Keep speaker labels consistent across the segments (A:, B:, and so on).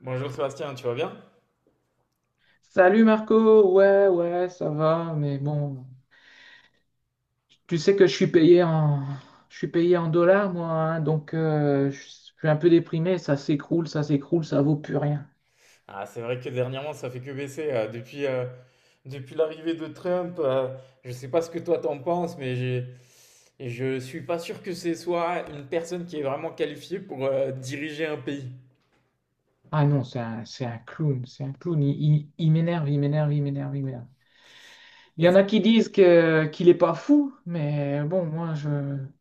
A: Bonjour Sébastien, tu vas bien?
B: Salut Marco, ouais, ouais, ça va, mais bon, tu sais que je suis payé en dollars, moi, hein, donc je suis un peu déprimé, ça s'écroule, ça s'écroule, ça vaut plus rien.
A: Ah, c'est vrai que dernièrement, ça fait que baisser. Depuis l'arrivée de Trump, je sais pas ce que toi t'en penses, mais je suis pas sûr que ce soit une personne qui est vraiment qualifiée pour diriger un pays.
B: Ah non, c'est un clown, il m'énerve, il m'énerve, il m'énerve, il m'énerve. Il y en
A: Est-ce-
B: a qui disent que qu'il est pas fou, mais bon, moi je,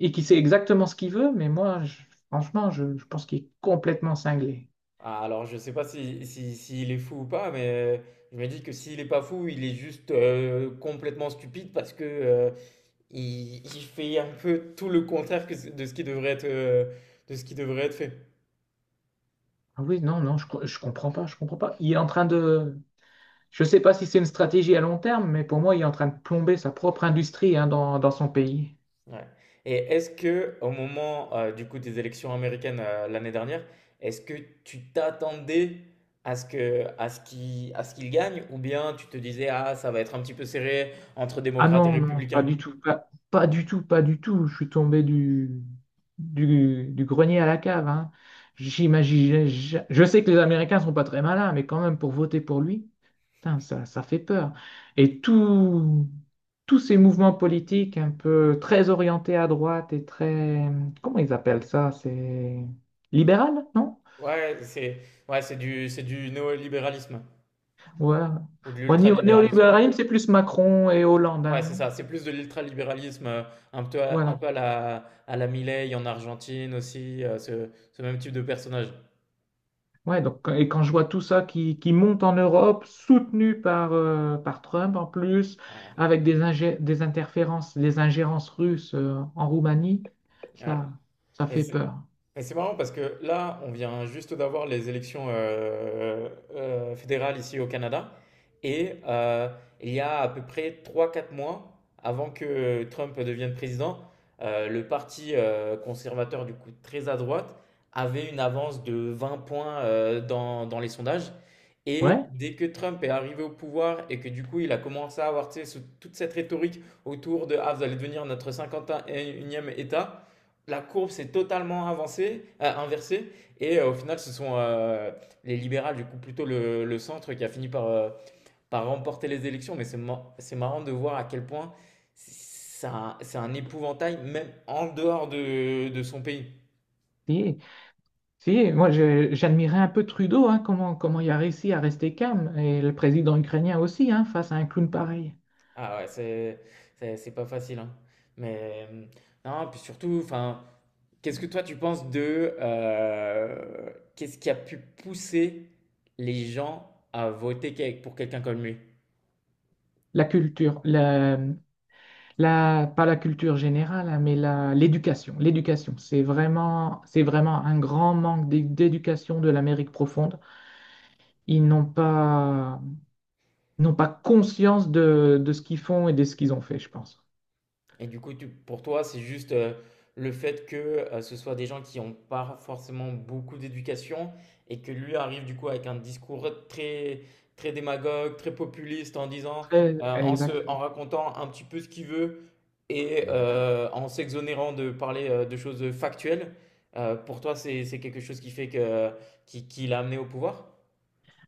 B: et qui sait exactement ce qu'il veut, mais franchement, je pense qu'il est complètement cinglé.
A: Ah, alors, je sais pas si, si, s'il est fou ou pas, mais euh, je me dis que s'il est pas fou, il est juste complètement stupide parce que il fait un peu tout le contraire de ce qui devrait être fait.
B: Ah oui, non, non, je comprends pas, je comprends pas. Il est en train de, je sais pas si c'est une stratégie à long terme, mais pour moi, il est en train de plomber sa propre industrie hein, dans son pays.
A: Ouais. Et est-ce que au moment du coup des élections américaines l'année dernière, est-ce que tu t'attendais à ce qu'il gagne ou bien tu te disais: ah, ça va être un petit peu serré entre
B: Ah
A: démocrates et
B: non, non, pas
A: républicains?
B: du tout, pas, pas du tout, pas du tout. Je suis tombé du grenier à la cave, hein. J'imagine, je sais que les Américains sont pas très malins, mais quand même pour voter pour lui. Putain, ça fait peur. Et tout- Tous ces mouvements politiques un peu très orientés à droite et très... Comment ils appellent ça? C'est libéral, non?
A: Ouais, c'est, ouais, c'est du néolibéralisme
B: Ouais.
A: ou de
B: Ouais,
A: l'ultralibéralisme.
B: néolibéralisme, c'est plus Macron et Hollande,
A: Ouais,
B: hein,
A: c'est
B: non.
A: ça, c'est plus de l'ultralibéralisme un
B: Voilà.
A: peu à la Milei en Argentine aussi ce même type de personnage.
B: Ouais, donc, et quand je vois tout ça qui monte en Europe, soutenu par, par Trump en plus,
A: Ouais.
B: avec des interférences, des ingérences russes, en Roumanie,
A: Ouais.
B: ça, ça
A: Et
B: fait
A: c'est-
B: peur.
A: Et c'est marrant parce que là, on vient juste d'avoir les élections fédérales ici au Canada. Et il y a à peu près trois quatre mois, avant que Trump devienne président, le parti conservateur, du coup très à droite, avait une avance de 20 points dans les sondages. Et
B: Ouais,
A: dès que Trump est arrivé au pouvoir et que du coup il a commencé à avoir, tu sais, toute cette rhétorique autour de: Ah, vous allez devenir notre 51e État, la courbe s'est totalement avancée, inversée. Et au final, ce sont les libérales, du coup, plutôt le centre qui a fini par remporter les élections. Mais c'est marrant de voir à quel point c'est un épouvantail, même en dehors de son pays.
B: si. Si, j'admirais un peu Trudeau, hein, comment il a réussi à rester calme, et le président ukrainien aussi, hein, face à un clown pareil.
A: Ah ouais, c'est pas facile. Hein. Mais non, puis surtout, enfin, qu'est-ce que toi tu penses de qu'est-ce qui a pu pousser les gens à voter pour quelqu'un comme lui?
B: La culture, la- Pas la culture générale, hein, mais l'éducation. L'éducation, c'est vraiment un grand manque d'éducation de l'Amérique profonde. Ils n'ont pas, N'ont pas conscience de ce qu'ils font et de ce qu'ils ont fait, je pense.
A: Et du coup, pour toi, c'est juste le fait que ce soit des gens qui n'ont pas forcément beaucoup d'éducation et que lui arrive du coup avec un discours très, très démagogue, très populiste en disant, en
B: Exactement.
A: racontant un petit peu ce qu'il veut et en s'exonérant de parler de choses factuelles. Pour toi, c'est quelque chose qui fait que, qui l'a amené au pouvoir?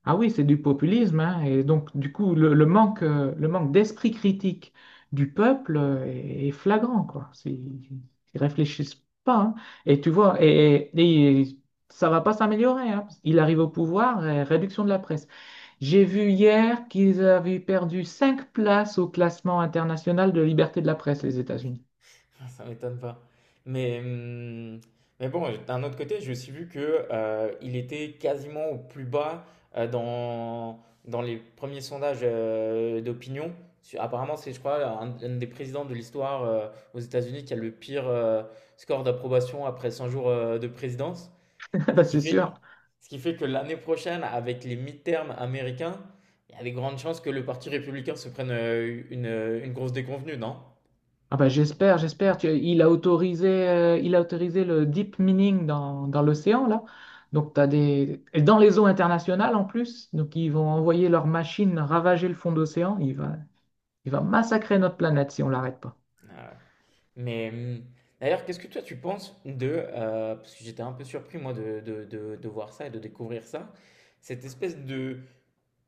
B: Ah oui, c'est du populisme, hein, et donc du coup le manque d'esprit critique du peuple est, est flagrant, quoi. C'est... Ils réfléchissent pas, hein. Et tu vois, et ça va pas s'améliorer, hein. Il arrive au pouvoir, et réduction de la presse. J'ai vu hier qu'ils avaient perdu cinq places au classement international de liberté de la presse, les États-Unis.
A: Ah, ça m'étonne pas. Mais, hum, mais bon, d'un autre côté, j'ai aussi vu que, il était quasiment au plus bas euh, dans, dans les premiers sondages d'opinion. Apparemment, c'est, je crois, un des présidents de l'histoire aux États-Unis qui a le pire score d'approbation après 100 jours de présidence. Ce
B: Bah,
A: qui
B: c'est
A: fait, que-
B: sûr.
A: ce qui fait que l'année prochaine, avec les midterms américains, il y a des grandes chances que le Parti républicain se prenne une grosse déconvenue, non?
B: Ah bah, j'espère, j'espère. Tu... Il a autorisé le deep mining dans l'océan, là. Donc, t'as des... Et dans les eaux internationales, en plus. Donc, ils vont envoyer leurs machines ravager le fond d'océan. Il va massacrer notre planète si on l'arrête pas.
A: Euh, Mais d'ailleurs, qu'est-ce que toi tu penses de, parce que j'étais un peu surpris moi de voir ça et de découvrir ça, cette espèce de,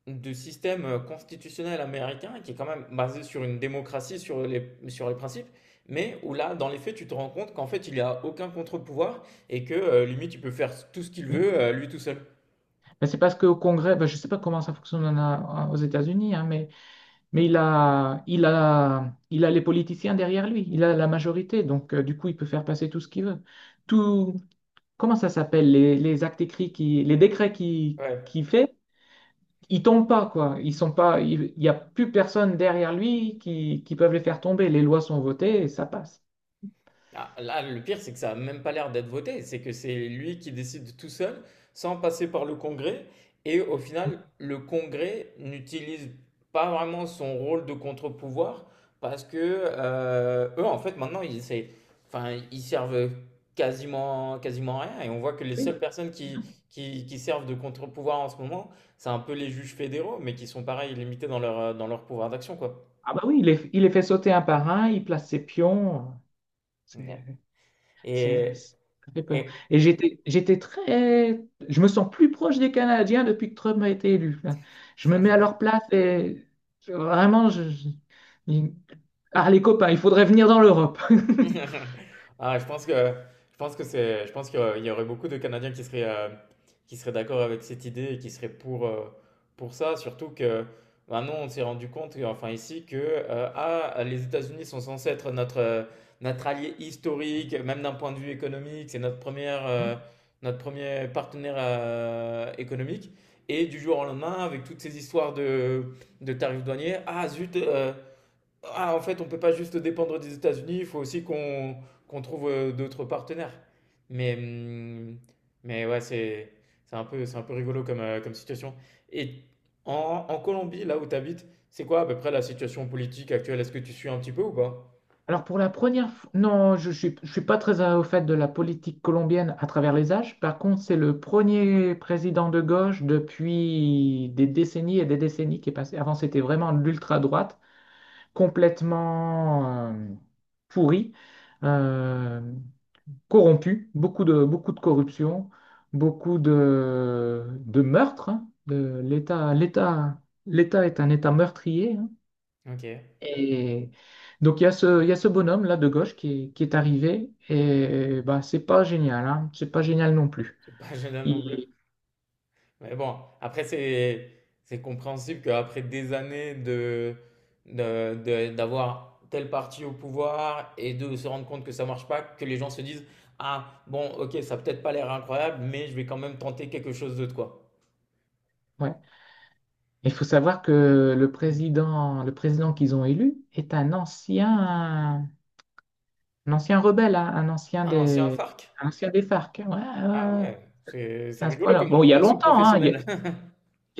A: de système constitutionnel américain qui est quand même basé sur une démocratie, sur les principes, mais où là, dans les faits, tu te rends compte qu'en fait, il n'y a aucun contre-pouvoir et que limite, il peut faire tout ce qu'il
B: Oui.
A: veut, lui tout seul.
B: Mais c'est parce qu'au Congrès, bah, je ne sais pas comment ça fonctionne aux États-Unis, hein, mais il a les politiciens derrière lui, il a la majorité, donc du coup, il peut faire passer tout ce qu'il veut. Tout, comment ça s'appelle, les actes écrits les décrets qu'il
A: Ouais.
B: qui fait, ils tombent pas, quoi. Ils sont pas, il n'y a plus personne derrière lui qui peuvent les faire tomber. Les lois sont votées et ça passe.
A: Ah, là, le pire, c'est que ça a même pas l'air d'être voté. C'est que c'est lui qui décide tout seul, sans passer par le Congrès. Et au final, le Congrès n'utilise pas vraiment son rôle de contre-pouvoir parce que eux, en fait, maintenant, enfin, ils servent quasiment, quasiment à rien. Et on voit que les
B: Oui.
A: seules personnes qui servent de contre-pouvoir en ce moment, c'est un peu les juges fédéraux, mais qui sont pareil, limités dans leur pouvoir d'action, quoi.
B: Ah bah oui, il les fait sauter un par un, il place ses pions. C'est... Ça,
A: Et,
B: ça fait peur.
A: et,
B: J'étais très. Je me sens plus proche des Canadiens depuis que Trump a été élu. Je me mets à leur place et je... vraiment, je... je... il... Ah, les copains, il faudrait venir dans l'Europe.
A: Ah, je pense que c'est je pense qu'il y aurait beaucoup de Canadiens qui seraient d'accord avec cette idée et qui seraient pour ça, surtout que maintenant on s'est rendu compte enfin ici que ah, les États-Unis sont censés être notre allié historique, même d'un point de vue économique, c'est notre première, notre premier partenaire économique, et du jour au lendemain avec toutes ces histoires de tarifs douaniers, ah zut, ah, en fait, on peut pas juste dépendre des États-Unis, il faut aussi qu'on trouve d'autres partenaires. Mais, hum, mais ouais, c'est un peu rigolo comme situation. Et en, en Colombie, là où tu habites, c'est quoi à peu près la situation politique actuelle? Est-ce que tu suis un petit peu ou pas?
B: Alors pour la première fois, non, je suis pas très au fait de la politique colombienne à travers les âges. Par contre, c'est le premier président de gauche depuis des décennies et des décennies qui est passé. Avant, c'était vraiment l'ultra-droite, complètement pourrie, euh, corrompue, beaucoup de corruption, beaucoup de meurtres, hein, de l'État, l'État, l'État est un État meurtrier hein.
A: Ok.
B: Et donc il y a ce, il y a ce bonhomme-là de gauche qui est arrivé et bah, c'est pas génial, hein. C'est pas génial non plus.
A: C'est pas génial non plus.
B: Il,
A: Mais bon, après, c'est compréhensible qu'après des années de- d'avoir tel parti au pouvoir et de se rendre compte que ça marche pas, que les gens se disent: Ah, bon, ok, ça a peut-être pas l'air incroyable, mais je vais quand même tenter quelque chose d'autre, quoi.
B: ouais. Il faut savoir que le président qu'ils ont élu est un ancien rebelle, hein,
A: Un ancien FARC?
B: un ancien des FARC, hein. Ouais,
A: Ah
B: ouais, ouais.
A: ouais,
B: C'est
A: c'est
B: à ce
A: rigolo
B: point-là.
A: comme
B: Bon, il y a
A: reconversion
B: longtemps, hein,
A: professionnelle.
B: il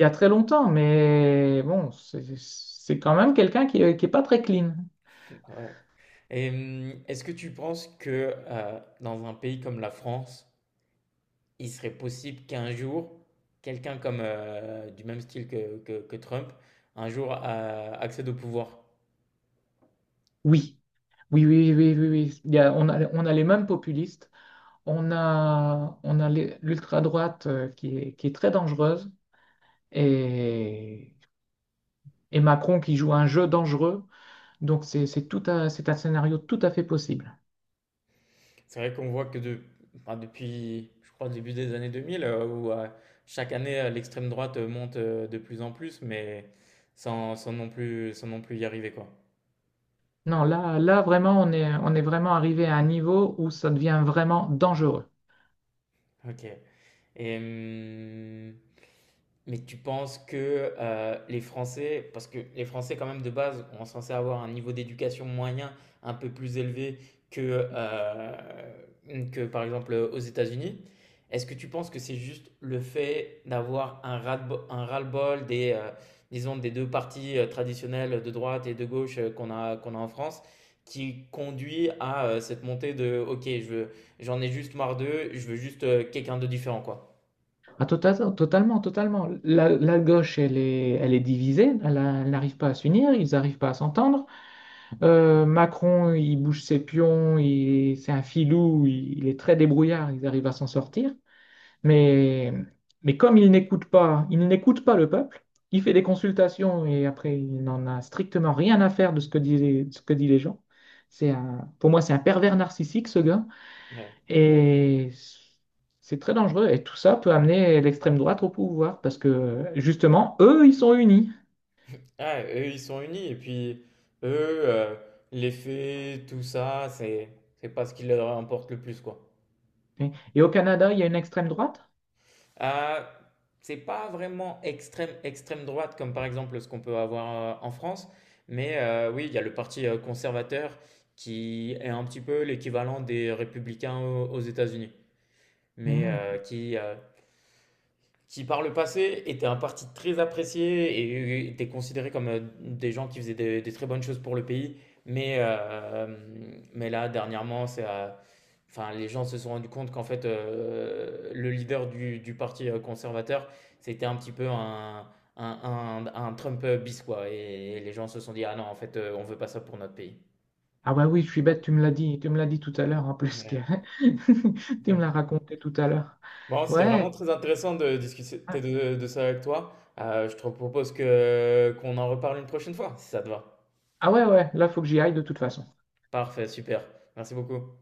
B: y a très longtemps, mais bon, c'est quand même quelqu'un qui est pas très clean.
A: Ouais. Et est-ce que tu penses que dans un pays comme la France, il serait possible qu'un jour, quelqu'un comme du même style que Trump, un jour accède au pouvoir.
B: Oui. Oui, oui, oui, oui, oui. Il y a... on a les mêmes populistes. On a l'ultra-droite qui est très dangereuse et, et Macron qui joue un jeu dangereux. Donc c'est tout un... c'est un scénario tout à fait possible.
A: C'est vrai qu'on voit que enfin, depuis, je crois, le début des années 2000, où chaque année l'extrême droite monte de plus en plus, mais sans non plus, y arriver, quoi.
B: Non, là vraiment, on est vraiment arrivé à un niveau où ça devient vraiment dangereux.
A: Ok. Et hum, Mais tu penses que les Français, parce que les Français quand même de base, on est censé avoir un niveau d'éducation moyen un peu plus élevé que, euh, que par exemple aux États-Unis, est-ce que tu penses que c'est juste le fait d'avoir un ras-le-bol disons, des deux partis traditionnels de droite et de gauche qu'on a en France qui conduit à cette montée de: OK, j'en ai juste marre d'eux, je veux juste quelqu'un de différent, quoi.
B: Ah, totalement, totalement. La gauche, elle est divisée, elle n'arrive pas à s'unir, ils n'arrivent pas à s'entendre. Macron, il bouge ses pions, il... c'est un filou, il est très débrouillard, ils arrivent à s'en sortir. Mais, mais comme il n'écoute pas le peuple, il fait des consultations et après, il n'en a strictement rien à faire de ce que disent, les... de ce que disent les gens. C'est un... pour moi, c'est un pervers narcissique, ce gars.
A: Ouais.
B: Et c'est très dangereux. Et tout ça peut amener l'extrême droite au pouvoir parce que, justement, eux, ils sont unis.
A: Ah, eux, ils sont unis. Et puis, eux, les faits, tout ça, c'est pas ce qui leur importe le plus, quoi.
B: Et au Canada, il y a une extrême droite?
A: Ah, c'est pas vraiment extrême, extrême droite, comme par exemple ce qu'on peut avoir en France. Mais oui, il y a le parti conservateur qui est un petit peu l'équivalent des républicains aux États-Unis. Mais
B: Hmm.
A: qui par le passé étaient un parti très apprécié et étaient considérés comme des gens qui faisaient des très bonnes choses pour le pays. Mais, euh, mais là, dernièrement, enfin, les gens se sont rendus compte qu'en fait, le leader du parti conservateur, c'était un petit peu un Trump bis, quoi. Et, les gens se sont dit: ah non, en fait, on veut pas ça pour notre pays.
B: Ah bah oui, je suis bête, tu me l'as dit, tu me l'as dit tout à l'heure en plus, que... tu me
A: Ouais.
B: l'as raconté tout à l'heure.
A: Bon, c'était vraiment
B: Ouais,
A: très intéressant de discuter
B: ah
A: de ça avec toi. Je te propose que qu'on en reparle une prochaine fois, si ça te va.
B: ouais, ouais, là, faut que j'y aille de toute façon.
A: Parfait, super. Merci beaucoup.